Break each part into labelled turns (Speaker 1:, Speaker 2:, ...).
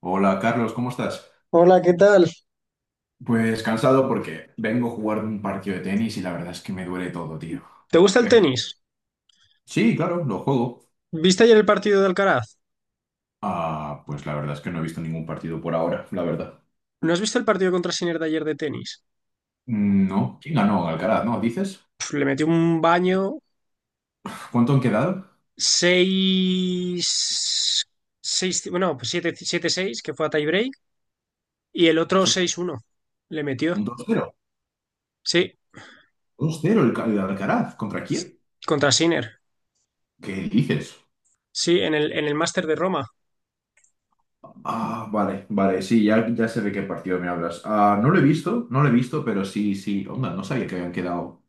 Speaker 1: Hola Carlos, ¿cómo estás?
Speaker 2: Hola, ¿qué tal?
Speaker 1: Pues cansado porque vengo a jugar un partido de tenis y la verdad es que me duele todo, tío.
Speaker 2: ¿Te gusta el
Speaker 1: ¿Qué?
Speaker 2: tenis?
Speaker 1: Sí, claro, lo juego.
Speaker 2: ¿Viste ayer el partido de Alcaraz?
Speaker 1: Pues la verdad es que no he visto ningún partido por ahora, la verdad.
Speaker 2: ¿No has visto el partido contra Sinner de ayer de tenis?
Speaker 1: Mm, no, ¿quién ganó? Alcaraz, ¿no? ¿Dices?
Speaker 2: Pf, le metió un baño.
Speaker 1: ¿Cuánto han quedado?
Speaker 2: Seis, seis, bueno, pues siete, 7-6, que fue a tiebreak, y el otro
Speaker 1: Eso es
Speaker 2: 6-1, le metió.
Speaker 1: un dos cero,
Speaker 2: Sí,
Speaker 1: 2-0 el Alcaraz. ¿Contra quién?
Speaker 2: contra Sinner.
Speaker 1: ¿Qué dices?
Speaker 2: Sí, en el Máster de Roma.
Speaker 1: Ah, vale, vale, sí, ya, ya sé de qué partido me hablas. Ah, no lo he visto, no lo he visto, pero sí, sí, onda, no sabía que habían quedado.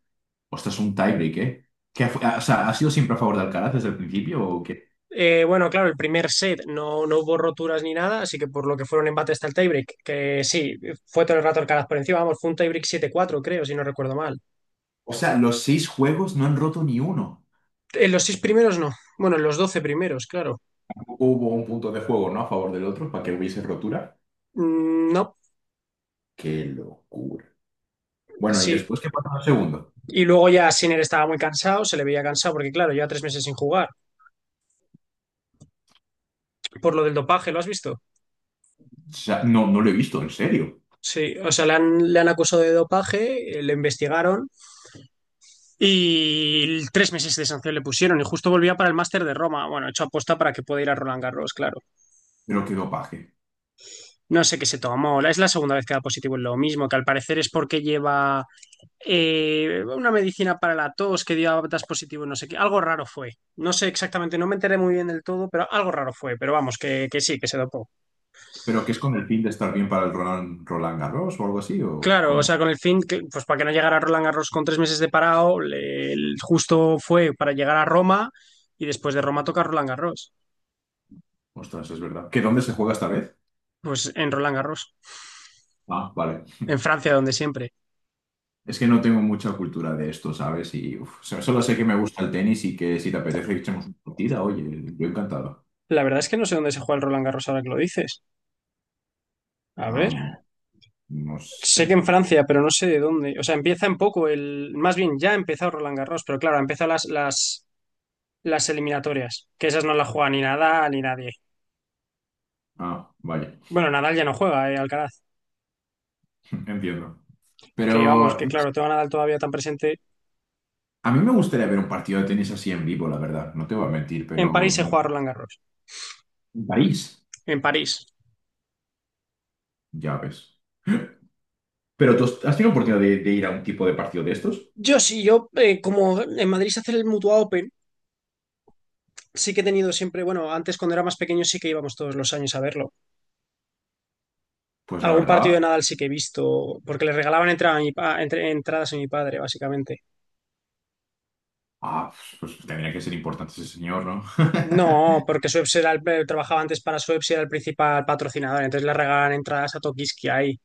Speaker 1: Ostras, un tiebreak, ¿eh? ¿Qué ha fu- ah, o sea, ¿ha sido siempre a favor de Alcaraz desde el principio o qué?
Speaker 2: Bueno, claro, el primer set no, no hubo roturas ni nada, así que por lo que fue un embate hasta el tiebreak, que sí, fue todo el rato Alcaraz por encima. Vamos, fue un tiebreak 7-4, creo, si no recuerdo mal.
Speaker 1: O sea, los seis juegos no han roto ni uno.
Speaker 2: En los seis primeros no. Bueno, en los 12 primeros, claro.
Speaker 1: Hubo un punto de juego, ¿no? A favor del otro para que hubiese rotura.
Speaker 2: Mm. No.
Speaker 1: ¡Qué locura! Bueno, ¿y
Speaker 2: Sí.
Speaker 1: después qué pasa en el segundo?
Speaker 2: Y luego ya Sinner estaba muy cansado, se le veía cansado porque, claro, lleva 3 meses sin jugar. Por lo del dopaje, ¿lo has visto?
Speaker 1: O sea, no, no lo he visto, en serio.
Speaker 2: Sí, o sea, le han acusado de dopaje, le investigaron y 3 meses de sanción le pusieron y justo volvía para el Máster de Roma. Bueno, hecho aposta para que pueda ir a Roland Garros, claro.
Speaker 1: Pero qué dopaje.
Speaker 2: No sé qué se tomó. Es la segunda vez que da positivo en lo mismo, que al parecer es porque lleva una medicina para la tos que dio a das positivo, no sé qué. Algo raro fue. No sé exactamente, no me enteré muy bien del todo, pero algo raro fue. Pero vamos, que sí, que se dopó.
Speaker 1: ¿Pero que es con el fin de estar bien para el Roland Garros o algo así? ¿O
Speaker 2: Claro, o sea,
Speaker 1: cómo?
Speaker 2: con el fin, que, pues para que no llegara Roland Garros con 3 meses de parado, justo fue para llegar a Roma y después de Roma toca Roland Garros.
Speaker 1: Ostras, es verdad. ¿Que dónde se juega esta vez?
Speaker 2: Pues en Roland Garros,
Speaker 1: Ah, vale.
Speaker 2: en Francia, donde siempre.
Speaker 1: Es que no tengo mucha cultura de esto, ¿sabes? Y uf, o sea, solo sé que me gusta el tenis y que si te apetece que echemos una partida, oye, yo encantado.
Speaker 2: La verdad es que no sé dónde se juega el Roland Garros ahora que lo dices. A ver,
Speaker 1: Am, no
Speaker 2: sé
Speaker 1: sé.
Speaker 2: que en Francia, pero no sé de dónde. O sea, empieza en poco el. Más bien, ya ha empezado Roland Garros, pero claro, ha empezado las eliminatorias, que esas no las juega ni Nadal ni nadie.
Speaker 1: Ah, vale,
Speaker 2: Bueno, Nadal ya no juega, Alcaraz.
Speaker 1: entiendo.
Speaker 2: Que vamos,
Speaker 1: Pero
Speaker 2: que claro, tengo a Nadal todavía tan presente.
Speaker 1: a mí me gustaría ver un partido de tenis así en vivo, la verdad. No te voy a mentir,
Speaker 2: En
Speaker 1: pero
Speaker 2: París se
Speaker 1: en
Speaker 2: juega Roland Garros.
Speaker 1: París,
Speaker 2: En París.
Speaker 1: ya ves. ¿Pero tú has tenido oportunidad de ir a un tipo de partido de estos?
Speaker 2: Yo sí, yo como en Madrid se hace el Mutua Open, sí que he tenido siempre, bueno, antes cuando era más pequeño sí que íbamos todos los años a verlo.
Speaker 1: Pues la
Speaker 2: Algún partido de
Speaker 1: verdad,
Speaker 2: Nadal sí que he visto, porque le regalaban entradas a mi padre, básicamente.
Speaker 1: ah, pues tendría que ser importante ese señor, ¿no?
Speaker 2: No, porque Schweppes trabajaba antes para Schweppes y era el principal patrocinador, entonces le regalaban entradas a Tokiski ahí.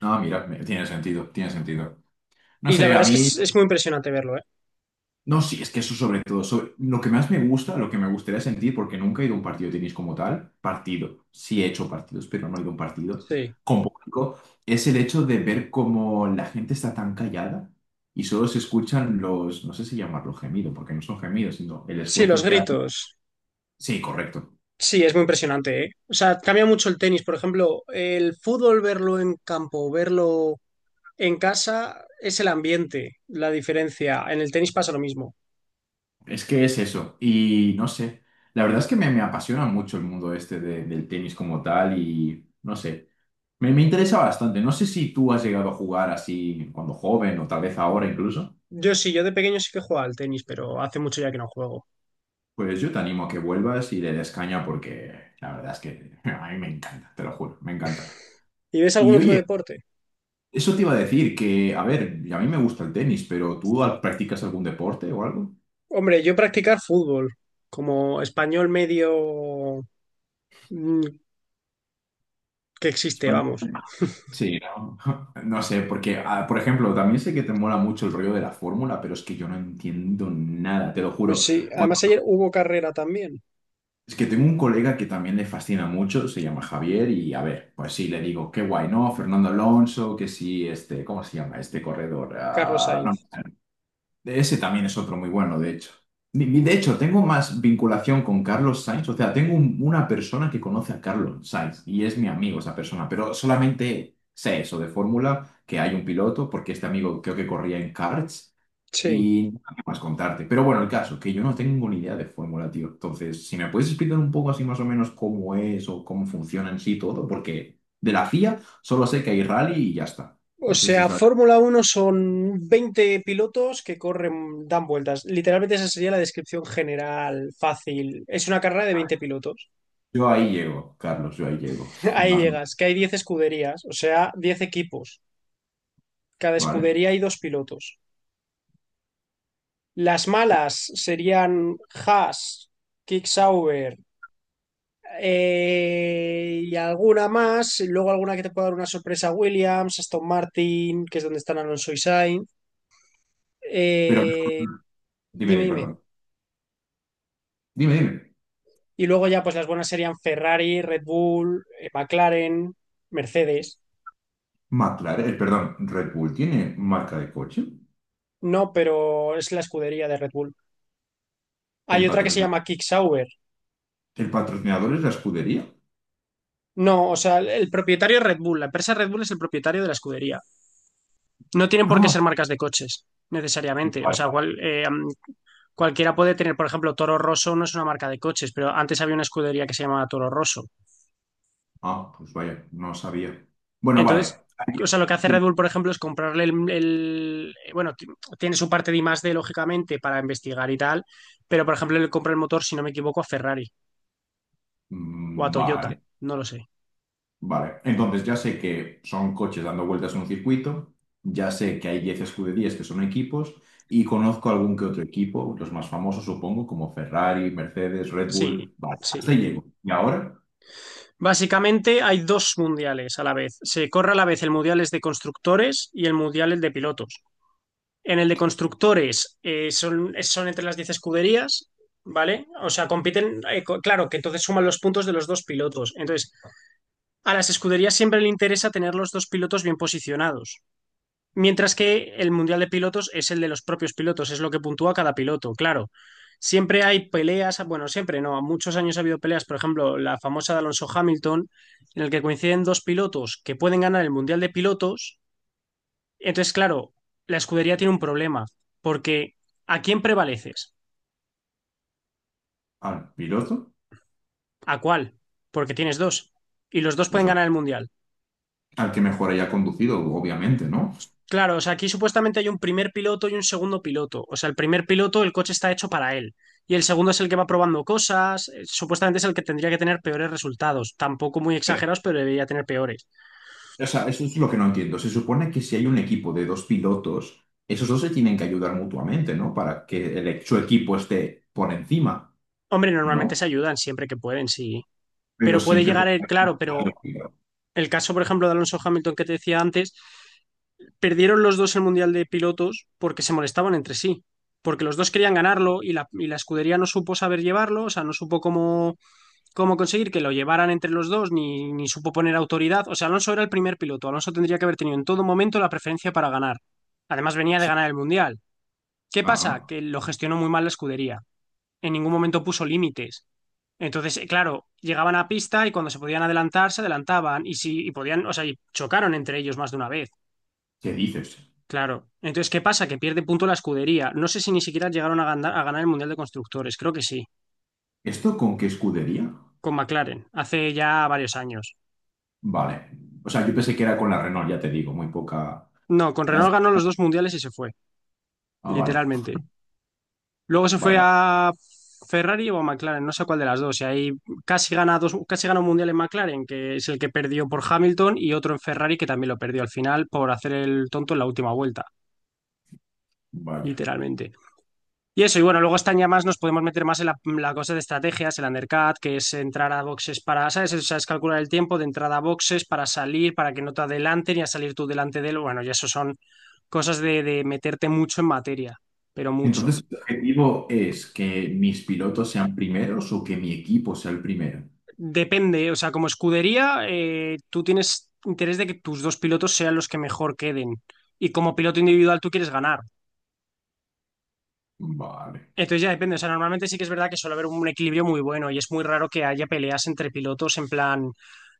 Speaker 1: No, mira, tiene sentido, tiene sentido. No
Speaker 2: Y la
Speaker 1: sé,
Speaker 2: verdad
Speaker 1: a
Speaker 2: es que
Speaker 1: mí
Speaker 2: es muy impresionante verlo, ¿eh?
Speaker 1: no, sí, es que eso sobre todo, lo que más me gusta, lo que me gustaría sentir, porque nunca he ido a un partido de tenis como tal, partido, sí he hecho partidos, pero no he ido a un partido
Speaker 2: Sí.
Speaker 1: con público, es el hecho de ver cómo la gente está tan callada y solo se escuchan los, no sé si llamarlo gemido, porque no son gemidos, sino el
Speaker 2: Sí, los
Speaker 1: esfuerzo que hacen.
Speaker 2: gritos.
Speaker 1: Sí, correcto.
Speaker 2: Sí, es muy impresionante, ¿eh? O sea, cambia mucho el tenis. Por ejemplo, el fútbol, verlo en campo, verlo en casa, es el ambiente, la diferencia. En el tenis pasa lo mismo.
Speaker 1: Es que es eso. Y no sé, la verdad es que me apasiona mucho el mundo del tenis como tal y no sé. Me interesa bastante. No sé si tú has llegado a jugar así cuando joven o tal vez ahora incluso.
Speaker 2: Yo sí, yo de pequeño sí que jugaba al tenis, pero hace mucho ya que no juego.
Speaker 1: Pues yo te animo a que vuelvas y le des caña porque la verdad es que a mí me encanta, te lo juro, me encanta.
Speaker 2: ¿Y ves algún
Speaker 1: Y
Speaker 2: otro
Speaker 1: oye,
Speaker 2: deporte?
Speaker 1: eso te iba a decir que, a ver, a mí me gusta el tenis, pero ¿tú practicas algún deporte o algo?
Speaker 2: Hombre, yo practicar fútbol, como español medio, mm, que existe,
Speaker 1: España-
Speaker 2: vamos.
Speaker 1: Sí, no. No sé, porque, por ejemplo, también sé que te mola mucho el rollo de la fórmula, pero es que yo no entiendo nada, te lo
Speaker 2: Pues
Speaker 1: juro.
Speaker 2: sí, además ayer hubo carrera también,
Speaker 1: Es que tengo un colega que también le fascina mucho, se llama Javier, y a ver, pues sí, le digo, qué guay, ¿no? Fernando Alonso, que sí, este, ¿cómo se llama este corredor?
Speaker 2: Carlos
Speaker 1: Ah, no,
Speaker 2: Sainz.
Speaker 1: de ese también es otro muy bueno, de hecho. De hecho, tengo más vinculación con Carlos Sainz, o sea, tengo una persona que conoce a Carlos Sainz y es mi amigo esa persona, pero solamente sé eso de fórmula, que hay un piloto, porque este amigo creo que corría en karts
Speaker 2: Sí.
Speaker 1: y nada más contarte. Pero bueno, el caso, que yo no tengo ni idea de fórmula, tío. Entonces, si me puedes explicar un poco así más o menos cómo es o cómo funciona en sí todo, porque de la FIA solo sé que hay rally y ya está.
Speaker 2: O
Speaker 1: No sé si
Speaker 2: sea,
Speaker 1: está...
Speaker 2: Fórmula Uno son 20 pilotos que corren, dan vueltas. Literalmente esa sería la descripción general, fácil. Es una carrera de 20 pilotos.
Speaker 1: Yo ahí llego, Carlos, yo ahí llego.
Speaker 2: Ahí
Speaker 1: Más o
Speaker 2: llegas, que hay 10 escuderías, o sea, 10 equipos. Cada
Speaker 1: ¿vale?
Speaker 2: escudería hay dos pilotos. Las
Speaker 1: Y-
Speaker 2: malas serían Haas, Kicksauber, y alguna más. Y luego alguna que te pueda dar una sorpresa, Williams, Aston Martin, que es donde están Alonso y Sainz.
Speaker 1: Pero, no,
Speaker 2: Eh,
Speaker 1: dime,
Speaker 2: Dime,
Speaker 1: dime,
Speaker 2: dime.
Speaker 1: perdón. Dime, dime.
Speaker 2: Y luego ya pues las buenas serían Ferrari, Red Bull, McLaren, Mercedes.
Speaker 1: McLaren, el, perdón, Red Bull tiene marca de coche.
Speaker 2: No, pero es la escudería de Red Bull.
Speaker 1: El
Speaker 2: Hay otra que se
Speaker 1: patrocina-
Speaker 2: llama Kick Sauber.
Speaker 1: el patrocinador es la escudería.
Speaker 2: No, o sea, el propietario es Red Bull. La empresa Red Bull es el propietario de la escudería. No tienen por qué
Speaker 1: Ah,
Speaker 2: ser marcas de coches, necesariamente. O sea,
Speaker 1: vale.
Speaker 2: cualquiera puede tener, por ejemplo, Toro Rosso no es una marca de coches, pero antes había una escudería que se llamaba Toro Rosso.
Speaker 1: Ah, pues vaya, no sabía. Bueno,
Speaker 2: Entonces,
Speaker 1: vale.
Speaker 2: o sea, lo que hace Red
Speaker 1: Dime.
Speaker 2: Bull, por ejemplo, es comprarle bueno, tiene su parte de I más I+D, lógicamente, para investigar y tal, pero, por ejemplo, le compra el motor, si no me equivoco, a Ferrari o a
Speaker 1: Mm,
Speaker 2: Toyota,
Speaker 1: vale,
Speaker 2: no lo sé.
Speaker 1: vale. Entonces ya sé que son coches dando vueltas en un circuito, ya sé que hay 10 escuderías que son equipos y conozco algún que otro equipo, los más famosos supongo, como Ferrari, Mercedes, Red
Speaker 2: Sí,
Speaker 1: Bull. Vale,
Speaker 2: sí.
Speaker 1: hasta ahí llego. ¿Y ahora?
Speaker 2: Básicamente hay dos mundiales a la vez. Se corre a la vez el mundial es de constructores y el mundial es de pilotos. En el de constructores, son entre las 10 escuderías, ¿vale? O sea, compiten, claro, que entonces suman los puntos de los dos pilotos. Entonces, a las escuderías siempre le interesa tener los dos pilotos bien posicionados, mientras que el Mundial de Pilotos es el de los propios pilotos, es lo que puntúa cada piloto, claro. Siempre hay peleas, bueno, siempre no, muchos años ha habido peleas, por ejemplo, la famosa de Alonso Hamilton, en el que coinciden dos pilotos que pueden ganar el Mundial de Pilotos. Entonces, claro, la escudería tiene un problema, porque ¿a quién prevaleces?
Speaker 1: Al piloto,
Speaker 2: ¿A cuál? Porque tienes dos, y los dos
Speaker 1: pues
Speaker 2: pueden
Speaker 1: al,
Speaker 2: ganar el Mundial.
Speaker 1: al que mejor haya conducido, obviamente, ¿no?
Speaker 2: Claro, o sea, aquí supuestamente hay un primer piloto y un segundo piloto. O sea, el primer piloto, el coche está hecho para él. Y el segundo es el que va probando cosas. Supuestamente es el que tendría que tener peores resultados. Tampoco muy
Speaker 1: Pero,
Speaker 2: exagerados, pero debería tener peores.
Speaker 1: o sea, eso es lo que no entiendo. Se supone que si hay un equipo de dos pilotos, esos dos se tienen que ayudar mutuamente, ¿no? Para que el, su equipo esté por encima,
Speaker 2: Hombre, normalmente
Speaker 1: ¿no?
Speaker 2: se ayudan siempre que pueden, sí.
Speaker 1: Pero
Speaker 2: Pero puede
Speaker 1: siempre por
Speaker 2: llegar claro, pero
Speaker 1: encima.
Speaker 2: el caso, por ejemplo, de Alonso Hamilton que te decía antes, perdieron los dos el Mundial de Pilotos porque se molestaban entre sí. Porque los dos querían ganarlo y la escudería no supo saber llevarlo, o sea, no supo cómo conseguir que lo llevaran entre los dos, ni supo poner autoridad. O sea, Alonso era el primer piloto. Alonso tendría que haber tenido en todo momento la preferencia para ganar. Además, venía de
Speaker 1: Sí.
Speaker 2: ganar el Mundial. ¿Qué pasa?
Speaker 1: Ajá.
Speaker 2: Que lo gestionó muy mal la escudería. En ningún momento puso límites. Entonces, claro, llegaban a pista y cuando se podían adelantar, se adelantaban. Y si y podían, o sea, y chocaron entre ellos más de una vez.
Speaker 1: ¿Qué dices?
Speaker 2: Claro. Entonces, ¿qué pasa? Que pierde punto la escudería. No sé si ni siquiera llegaron a ganar el Mundial de Constructores. Creo que sí.
Speaker 1: ¿Esto con qué escudería?
Speaker 2: Con McLaren. Hace ya varios años.
Speaker 1: Vale. O sea, yo pensé que era con la Renault, ya te digo, muy poca.
Speaker 2: No, con
Speaker 1: Ya...
Speaker 2: Renault ganó los dos mundiales y se fue,
Speaker 1: Ah, vale.
Speaker 2: literalmente. Luego se fue
Speaker 1: Vaya,
Speaker 2: a Ferrari o a McLaren, no sé cuál de las dos. Y ahí casi gana dos, casi gana un mundial en McLaren, que es el que perdió por Hamilton, y otro en Ferrari que también lo perdió al final por hacer el tonto en la última vuelta,
Speaker 1: vaya.
Speaker 2: literalmente. Y eso, y bueno, luego están ya más, nos podemos meter más en la cosa de estrategias, el undercut, que es entrar a boxes para, ¿sabes? O sea, es calcular el tiempo de entrada a boxes para salir, para que no te adelanten y a salir tú delante de él. Bueno, y eso son cosas de meterte mucho en materia, pero mucho.
Speaker 1: Entonces, ¿el objetivo es que mis pilotos sean primeros o que mi equipo sea el primero?
Speaker 2: Depende, o sea, como escudería, tú tienes interés de que tus dos pilotos sean los que mejor queden. Y como piloto individual, tú quieres ganar.
Speaker 1: Vale.
Speaker 2: Entonces ya depende, o sea, normalmente sí que es verdad que suele haber un equilibrio muy bueno y es muy raro que haya peleas entre pilotos en plan,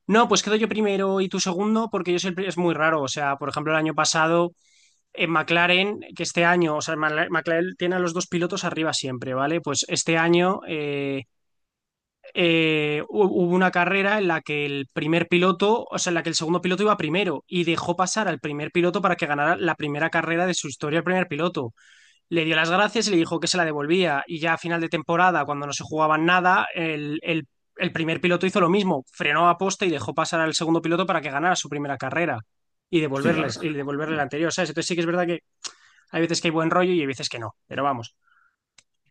Speaker 2: no, pues quedo yo primero y tú segundo porque yo soy el pri-". Es muy raro, o sea, por ejemplo, el año pasado en McLaren, que este año, o sea, McLaren tiene a los dos pilotos arriba siempre, ¿vale? Pues este año, hubo una carrera en la que el primer piloto, o sea, en la que el segundo piloto iba primero y dejó pasar al primer piloto para que ganara la primera carrera de su historia el primer piloto. Le dio las gracias y le dijo que se la devolvía. Y ya a final de temporada, cuando no se jugaban nada, el primer piloto hizo lo mismo, frenó a posta y dejó pasar al segundo piloto para que ganara su primera carrera y
Speaker 1: Sí, a ver.
Speaker 2: devolverles, y devolverle la anterior, ¿sabes? Entonces sí que es verdad que hay veces que hay buen rollo y hay veces que no, pero vamos.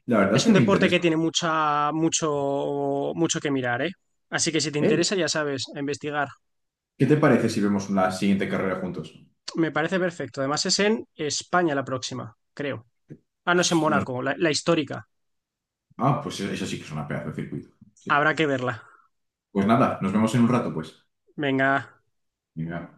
Speaker 1: La verdad es
Speaker 2: Es un
Speaker 1: que me
Speaker 2: deporte que
Speaker 1: interesa.
Speaker 2: tiene mucha, mucho, mucho que mirar, ¿eh? Así que si te
Speaker 1: Eh,
Speaker 2: interesa, ya sabes, a investigar.
Speaker 1: ¿Qué te parece si vemos la siguiente carrera juntos?
Speaker 2: Me parece perfecto. Además, es en España la próxima, creo. Ah, no, es en
Speaker 1: S- nos-
Speaker 2: Mónaco, la histórica.
Speaker 1: Ah, pues eso sí que es una pedazo de circuito. Sí.
Speaker 2: Habrá que verla.
Speaker 1: Pues nada, nos vemos en un rato, pues.
Speaker 2: Venga.
Speaker 1: Venga.